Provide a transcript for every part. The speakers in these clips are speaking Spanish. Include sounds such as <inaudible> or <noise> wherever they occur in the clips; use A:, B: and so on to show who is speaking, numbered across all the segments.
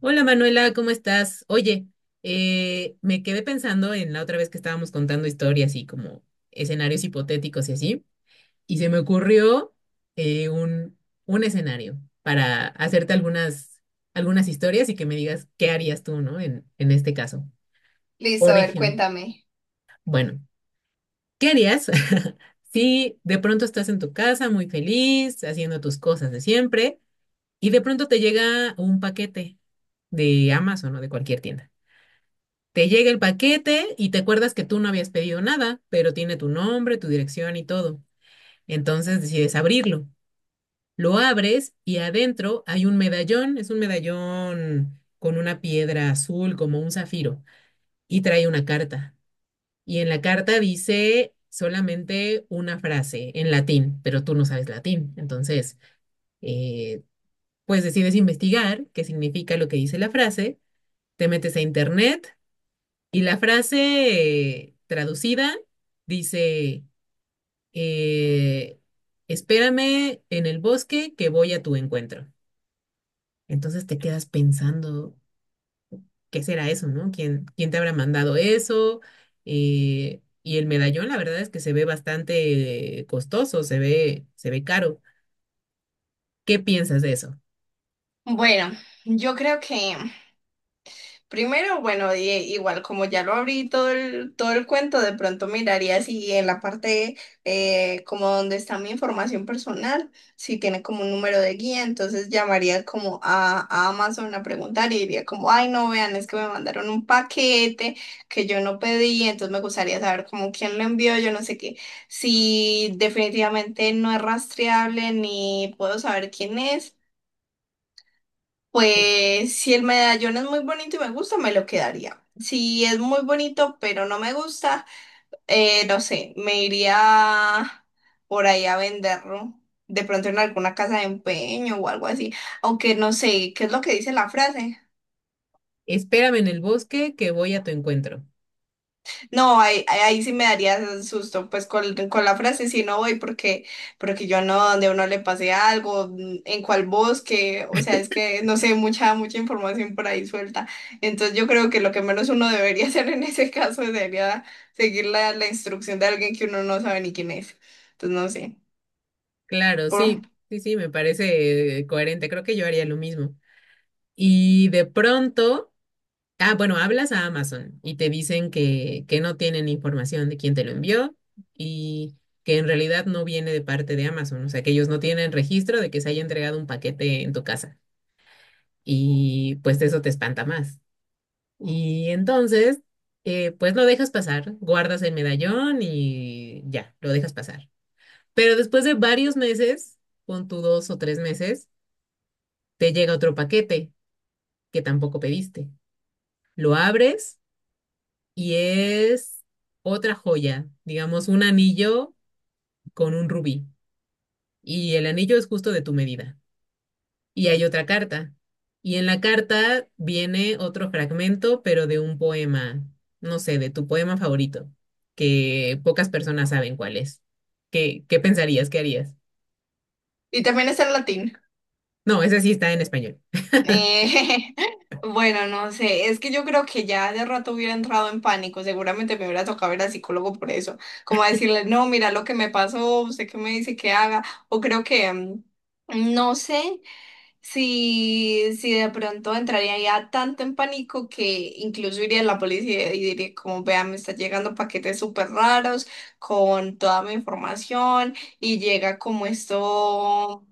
A: Hola Manuela, ¿cómo estás? Oye, me quedé pensando en la otra vez que estábamos contando historias y como escenarios hipotéticos y así, y se me ocurrió eh, un, un escenario para hacerte algunas historias y que me digas qué harías tú, ¿no? En este caso.
B: Listo,
A: Por
B: a ver,
A: ejemplo,
B: cuéntame.
A: bueno, ¿qué harías <laughs> si de pronto estás en tu casa muy feliz, haciendo tus cosas de siempre, y de pronto te llega un paquete de Amazon o de cualquier tienda? Te llega el paquete y te acuerdas que tú no habías pedido nada, pero tiene tu nombre, tu dirección y todo. Entonces decides abrirlo. Lo abres y adentro hay un medallón, es un medallón con una piedra azul como un zafiro y trae una carta. Y en la carta dice solamente una frase en latín, pero tú no sabes latín. Entonces, eh, pues decides investigar qué significa lo que dice la frase, te metes a internet. Y la frase traducida dice, eh, espérame en el bosque que voy a tu encuentro. Entonces te quedas pensando, ¿qué será eso, no? Quién te habrá mandado eso? Y el medallón, la verdad es que se ve bastante costoso, se ve caro. ¿Qué piensas de eso?
B: Bueno, yo creo que primero, bueno, igual como ya lo abrí todo el cuento, de pronto miraría si en la parte como donde está mi información personal, si tiene como un número de guía, entonces llamaría como a Amazon a preguntar y diría como, ay, no, vean, es que me mandaron un paquete que yo no pedí, entonces me gustaría saber como quién lo envió, yo no sé qué, si definitivamente no es rastreable ni puedo saber quién es.
A: Eh,
B: Pues si el medallón es muy bonito y me gusta, me lo quedaría. Si es muy bonito pero no me gusta, no sé, me iría por ahí a venderlo. De pronto en alguna casa de empeño o algo así. Aunque no sé, ¿qué es lo que dice la frase?
A: Espérame en el bosque que voy a tu encuentro.
B: No, ahí sí me daría susto, pues con la frase sí no voy porque, porque yo no, donde uno le pase algo, en cuál bosque, o sea, es que no sé, mucha información por ahí suelta. Entonces yo creo que lo que menos uno debería <laughs> hacer en ese caso sería seguir la instrucción de alguien que uno no sabe ni quién es. Entonces no sé.
A: Claro,
B: Por...
A: sí, sí, sí, me parece coherente. Creo que yo haría lo mismo. Y de pronto... Ah, bueno, hablas a Amazon y te dicen que no tienen información de quién te lo envió y que en realidad no viene de parte de Amazon, o sea, que ellos no tienen registro de que se haya entregado un paquete en tu casa y pues eso te espanta más. Y entonces, pues lo dejas pasar, guardas el medallón y ya, lo dejas pasar. Pero después de varios meses, pon tú dos o tres meses, te llega otro paquete que tampoco pediste. Lo abres y es otra joya, digamos, un anillo con un rubí. Y el anillo es justo de tu medida. Y hay otra carta. Y en la carta viene otro fragmento, pero de un poema, no sé, de tu poema favorito, que pocas personas saben cuál es. Qué pensarías? ¿Qué harías?
B: Y también está el latín.
A: No, ese sí está en español.
B: Eh, <laughs> bueno, no sé, es que yo creo que ya de rato hubiera entrado en pánico, seguramente me hubiera tocado ir al psicólogo por eso, como a decirle, no, mira lo que me pasó, usted qué me dice que haga, o creo que, no sé si de pronto entraría ya tanto en pánico que incluso iría a la policía y diría, como vea, me están llegando paquetes súper raros con toda mi información y llega como esto,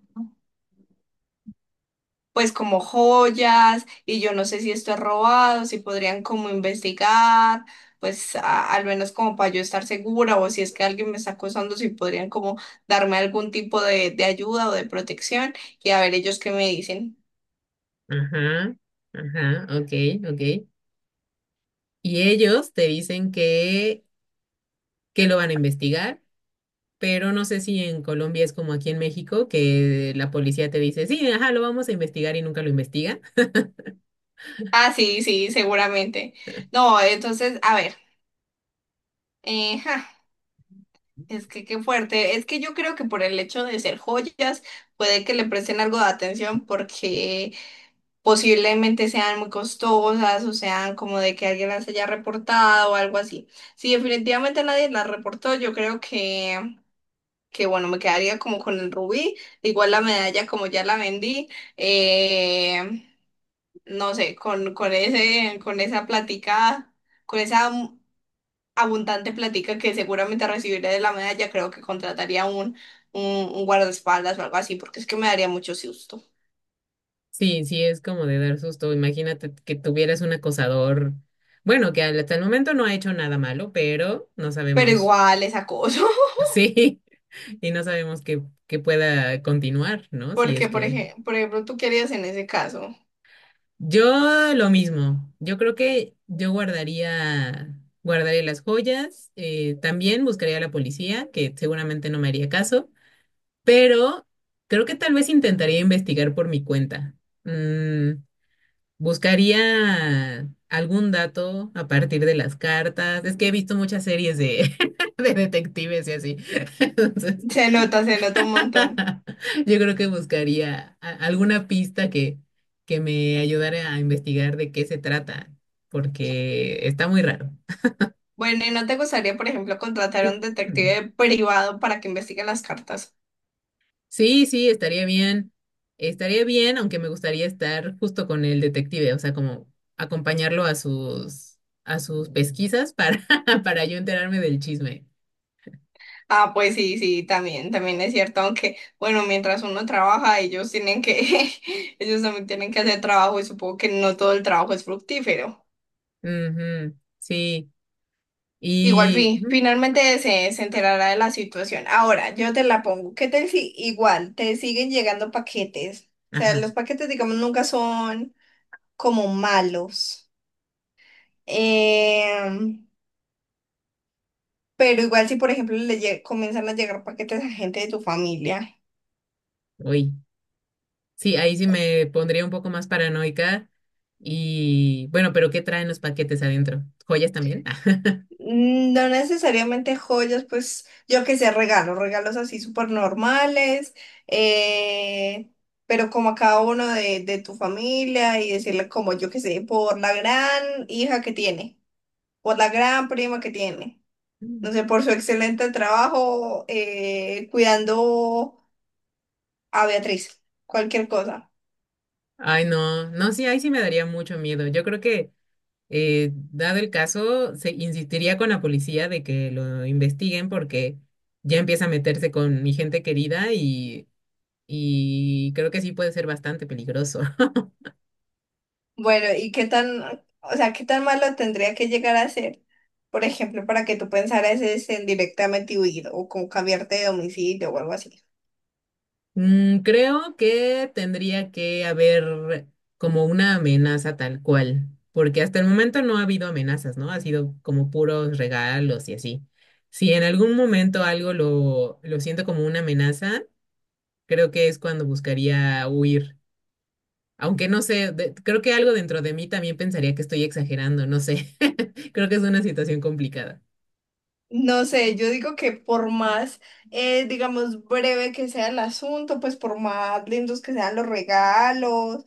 B: pues como joyas y yo no sé si esto es robado, si podrían como investigar, pues al menos como para yo estar segura o si es que alguien me está acosando, si podrían como darme algún tipo de ayuda o de protección y a ver ellos qué me dicen.
A: Ajá, ajá, ok, ok. Y ellos te dicen que lo van a investigar, pero no sé si en Colombia es como aquí en México, que la policía te dice, sí, ajá, lo vamos a investigar y nunca lo investiga.
B: Ah, sí, sí, seguramente. No, entonces, a ver, ja, es que qué fuerte, es que yo creo que por el hecho de ser joyas puede que le presten algo de atención porque... posiblemente sean muy costosas o sean como de que alguien las haya reportado o algo así. Si definitivamente nadie las reportó, yo creo que bueno, me quedaría como con el rubí, igual la medalla como ya la vendí, eh, no sé, con ese, con esa plática, con esa abundante plática que seguramente recibiré de la medalla, creo que contrataría un, un guardaespaldas o algo así, porque es que me daría mucho susto.
A: Sí, sí, es como de dar susto. Imagínate que tuvieras un acosador, bueno, que hasta el momento no ha hecho nada malo, pero no
B: Pero
A: sabemos,
B: igual es acoso.
A: <laughs> sí, y no sabemos que pueda continuar, ¿no? Si es
B: Porque,
A: que...
B: por ejemplo, tú querías en ese caso.
A: Yo lo mismo, yo creo que yo guardaría las joyas, también buscaría a la policía, que seguramente no me haría caso, pero creo que tal vez intentaría investigar por mi cuenta. Mm, buscaría algún dato a partir de las cartas. Es que he visto muchas series de, <laughs> de detectives y así. <laughs> Entonces,
B: Se nota un montón.
A: <laughs> yo creo que buscaría alguna pista que me ayudara a investigar de qué se trata, porque está muy raro.
B: Bueno, ¿y no te gustaría, por ejemplo, contratar a un
A: Mm.
B: detective privado para que investigue las cartas?
A: Sí, sí, estaría bien. Estaría bien, aunque me gustaría estar justo con el detective, o sea, como acompañarlo a sus pesquisas para <laughs> para yo enterarme del chisme.
B: Ah, pues sí, sí, también, también es cierto, aunque, bueno, mientras uno trabaja, ellos tienen que, <laughs> ellos también tienen que hacer trabajo y supongo que no todo el trabajo es fructífero.
A: Ujú, sí.
B: Igual,
A: Y ujú,
B: finalmente se enterará de la situación. Ahora, yo te la pongo. ¿Qué tal si igual te siguen llegando paquetes? O sea,
A: ajá,
B: los paquetes, digamos, nunca son como malos. Em, pero igual si, por ejemplo, comienzan a llegar paquetes a gente de tu familia,
A: uy. Sí, ahí sí me pondría un poco más paranoica y bueno, pero ¿qué traen los paquetes adentro? ¿Joyas también? <laughs>
B: mm, no necesariamente joyas, pues yo que sé, regalos, regalos así súper normales, eh, pero como a cada uno de tu familia y decirle como yo que sé, por la gran hija que tiene, por la gran prima que tiene, no
A: Mm.
B: sé, por su excelente trabajo cuidando a Beatriz, cualquier cosa.
A: Ay, no, no, sí, ahí sí me daría mucho miedo. Yo creo que dado el caso, se insistiría con la policía de que lo investiguen porque ya empieza a meterse con mi gente querida y creo que sí puede ser bastante peligroso. <laughs>
B: Bueno, ¿y qué tan, o sea, qué tan malo tendría que llegar a ser, por ejemplo, para que tú pensaras es en directamente huir o con cambiarte de domicilio o algo así?
A: Mm, creo que tendría que haber como una amenaza tal cual, porque hasta el momento no ha habido amenazas, ¿no? Ha sido como puros regalos y así. Si en algún momento algo lo siento como una amenaza, creo que es cuando buscaría huir. Aunque no sé, creo que algo dentro de mí también pensaría que estoy exagerando, no sé. <laughs> Creo que es una situación complicada.
B: No sé, yo digo que por más, digamos, breve que sea el asunto, pues por más lindos que sean los regalos,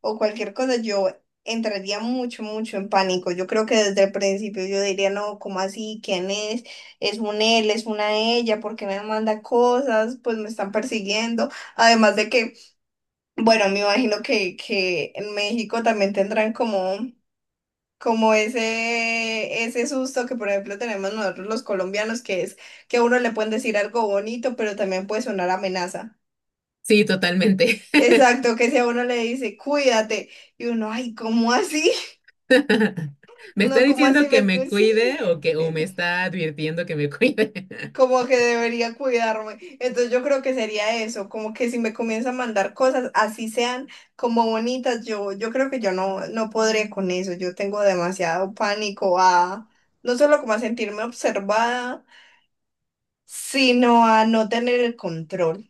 B: o cualquier cosa, yo entraría mucho, mucho en pánico. Yo creo que desde el principio yo diría, no, ¿cómo así? ¿Quién es? ¿Es un él? ¿Es una ella? ¿Por qué me manda cosas? Pues me están persiguiendo. Además de que, bueno, me imagino que en México también tendrán como... como ese susto que por ejemplo tenemos nosotros los colombianos, que es que a uno le pueden decir algo bonito, pero también puede sonar amenaza.
A: Sí, totalmente. <laughs>
B: Exacto, que si a uno le dice, cuídate, y uno, ay, ¿cómo así?
A: <laughs> ¿Me está
B: No, como
A: diciendo
B: así
A: que
B: me...
A: me
B: Sí,
A: cuide o que o
B: eh,
A: me está advirtiendo que me cuide? <laughs>
B: como que debería cuidarme. Entonces yo creo que sería eso, como que si me comienza a mandar cosas, así sean como bonitas, yo creo que yo no podré con eso. Yo tengo demasiado pánico a no solo como a sentirme observada, sino a no tener el control.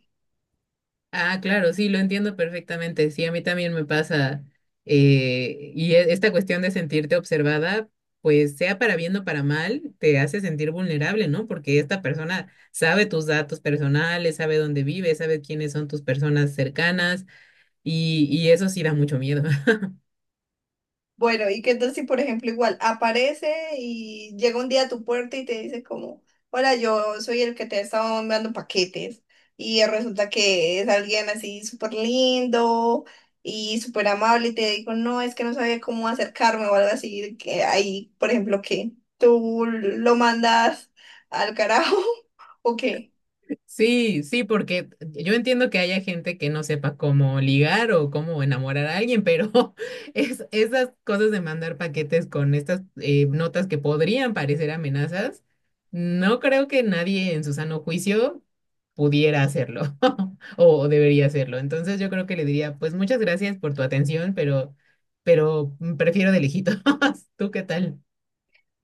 A: Ah, claro, sí, lo entiendo perfectamente. Sí, a mí también me pasa. Y esta cuestión de sentirte observada, pues sea para bien o para mal, te hace sentir vulnerable, ¿no? Porque esta persona sabe tus datos personales, sabe dónde vives, sabe quiénes son tus personas cercanas y eso sí da mucho miedo. <laughs>
B: Bueno, ¿y qué tal si, por ejemplo, igual aparece y llega un día a tu puerta y te dice como, hola, yo soy el que te ha estado enviando paquetes? Y resulta que es alguien así súper lindo y súper amable y te digo, no, es que no sabía cómo acercarme o algo así, que ahí, por ejemplo, que tú lo mandas al carajo <laughs> o qué.
A: Sí, sí, porque yo entiendo que haya gente que no sepa cómo ligar o cómo enamorar a alguien, pero <laughs> esas cosas de mandar paquetes con estas notas que podrían parecer amenazas, no creo que nadie en su sano juicio pudiera hacerlo <laughs> o debería hacerlo. Entonces yo creo que le diría, pues muchas gracias por tu atención, pero prefiero de lejitos. <laughs> ¿Tú qué tal?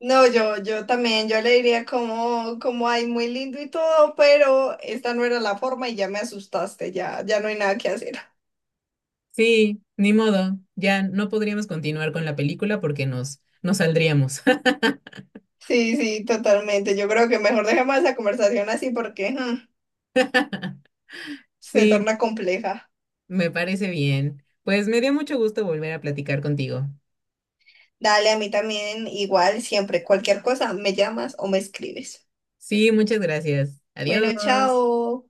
B: No, yo también, yo le diría como, como, ay, muy lindo y todo, pero esta no era la forma y ya me asustaste, ya, ya no hay nada que hacer. <laughs>
A: Sí, ni modo, ya no podríamos continuar con la película porque nos saldríamos.
B: Sí, sí, totalmente. Yo creo que mejor dejemos esa conversación así porque mm, se
A: Sí,
B: torna compleja.
A: me parece bien. Pues me dio mucho gusto volver a platicar contigo.
B: Dale, a mí también, igual, siempre, cualquier cosa, me llamas o me escribes.
A: Sí, muchas gracias.
B: Bueno,
A: Adiós.
B: chao.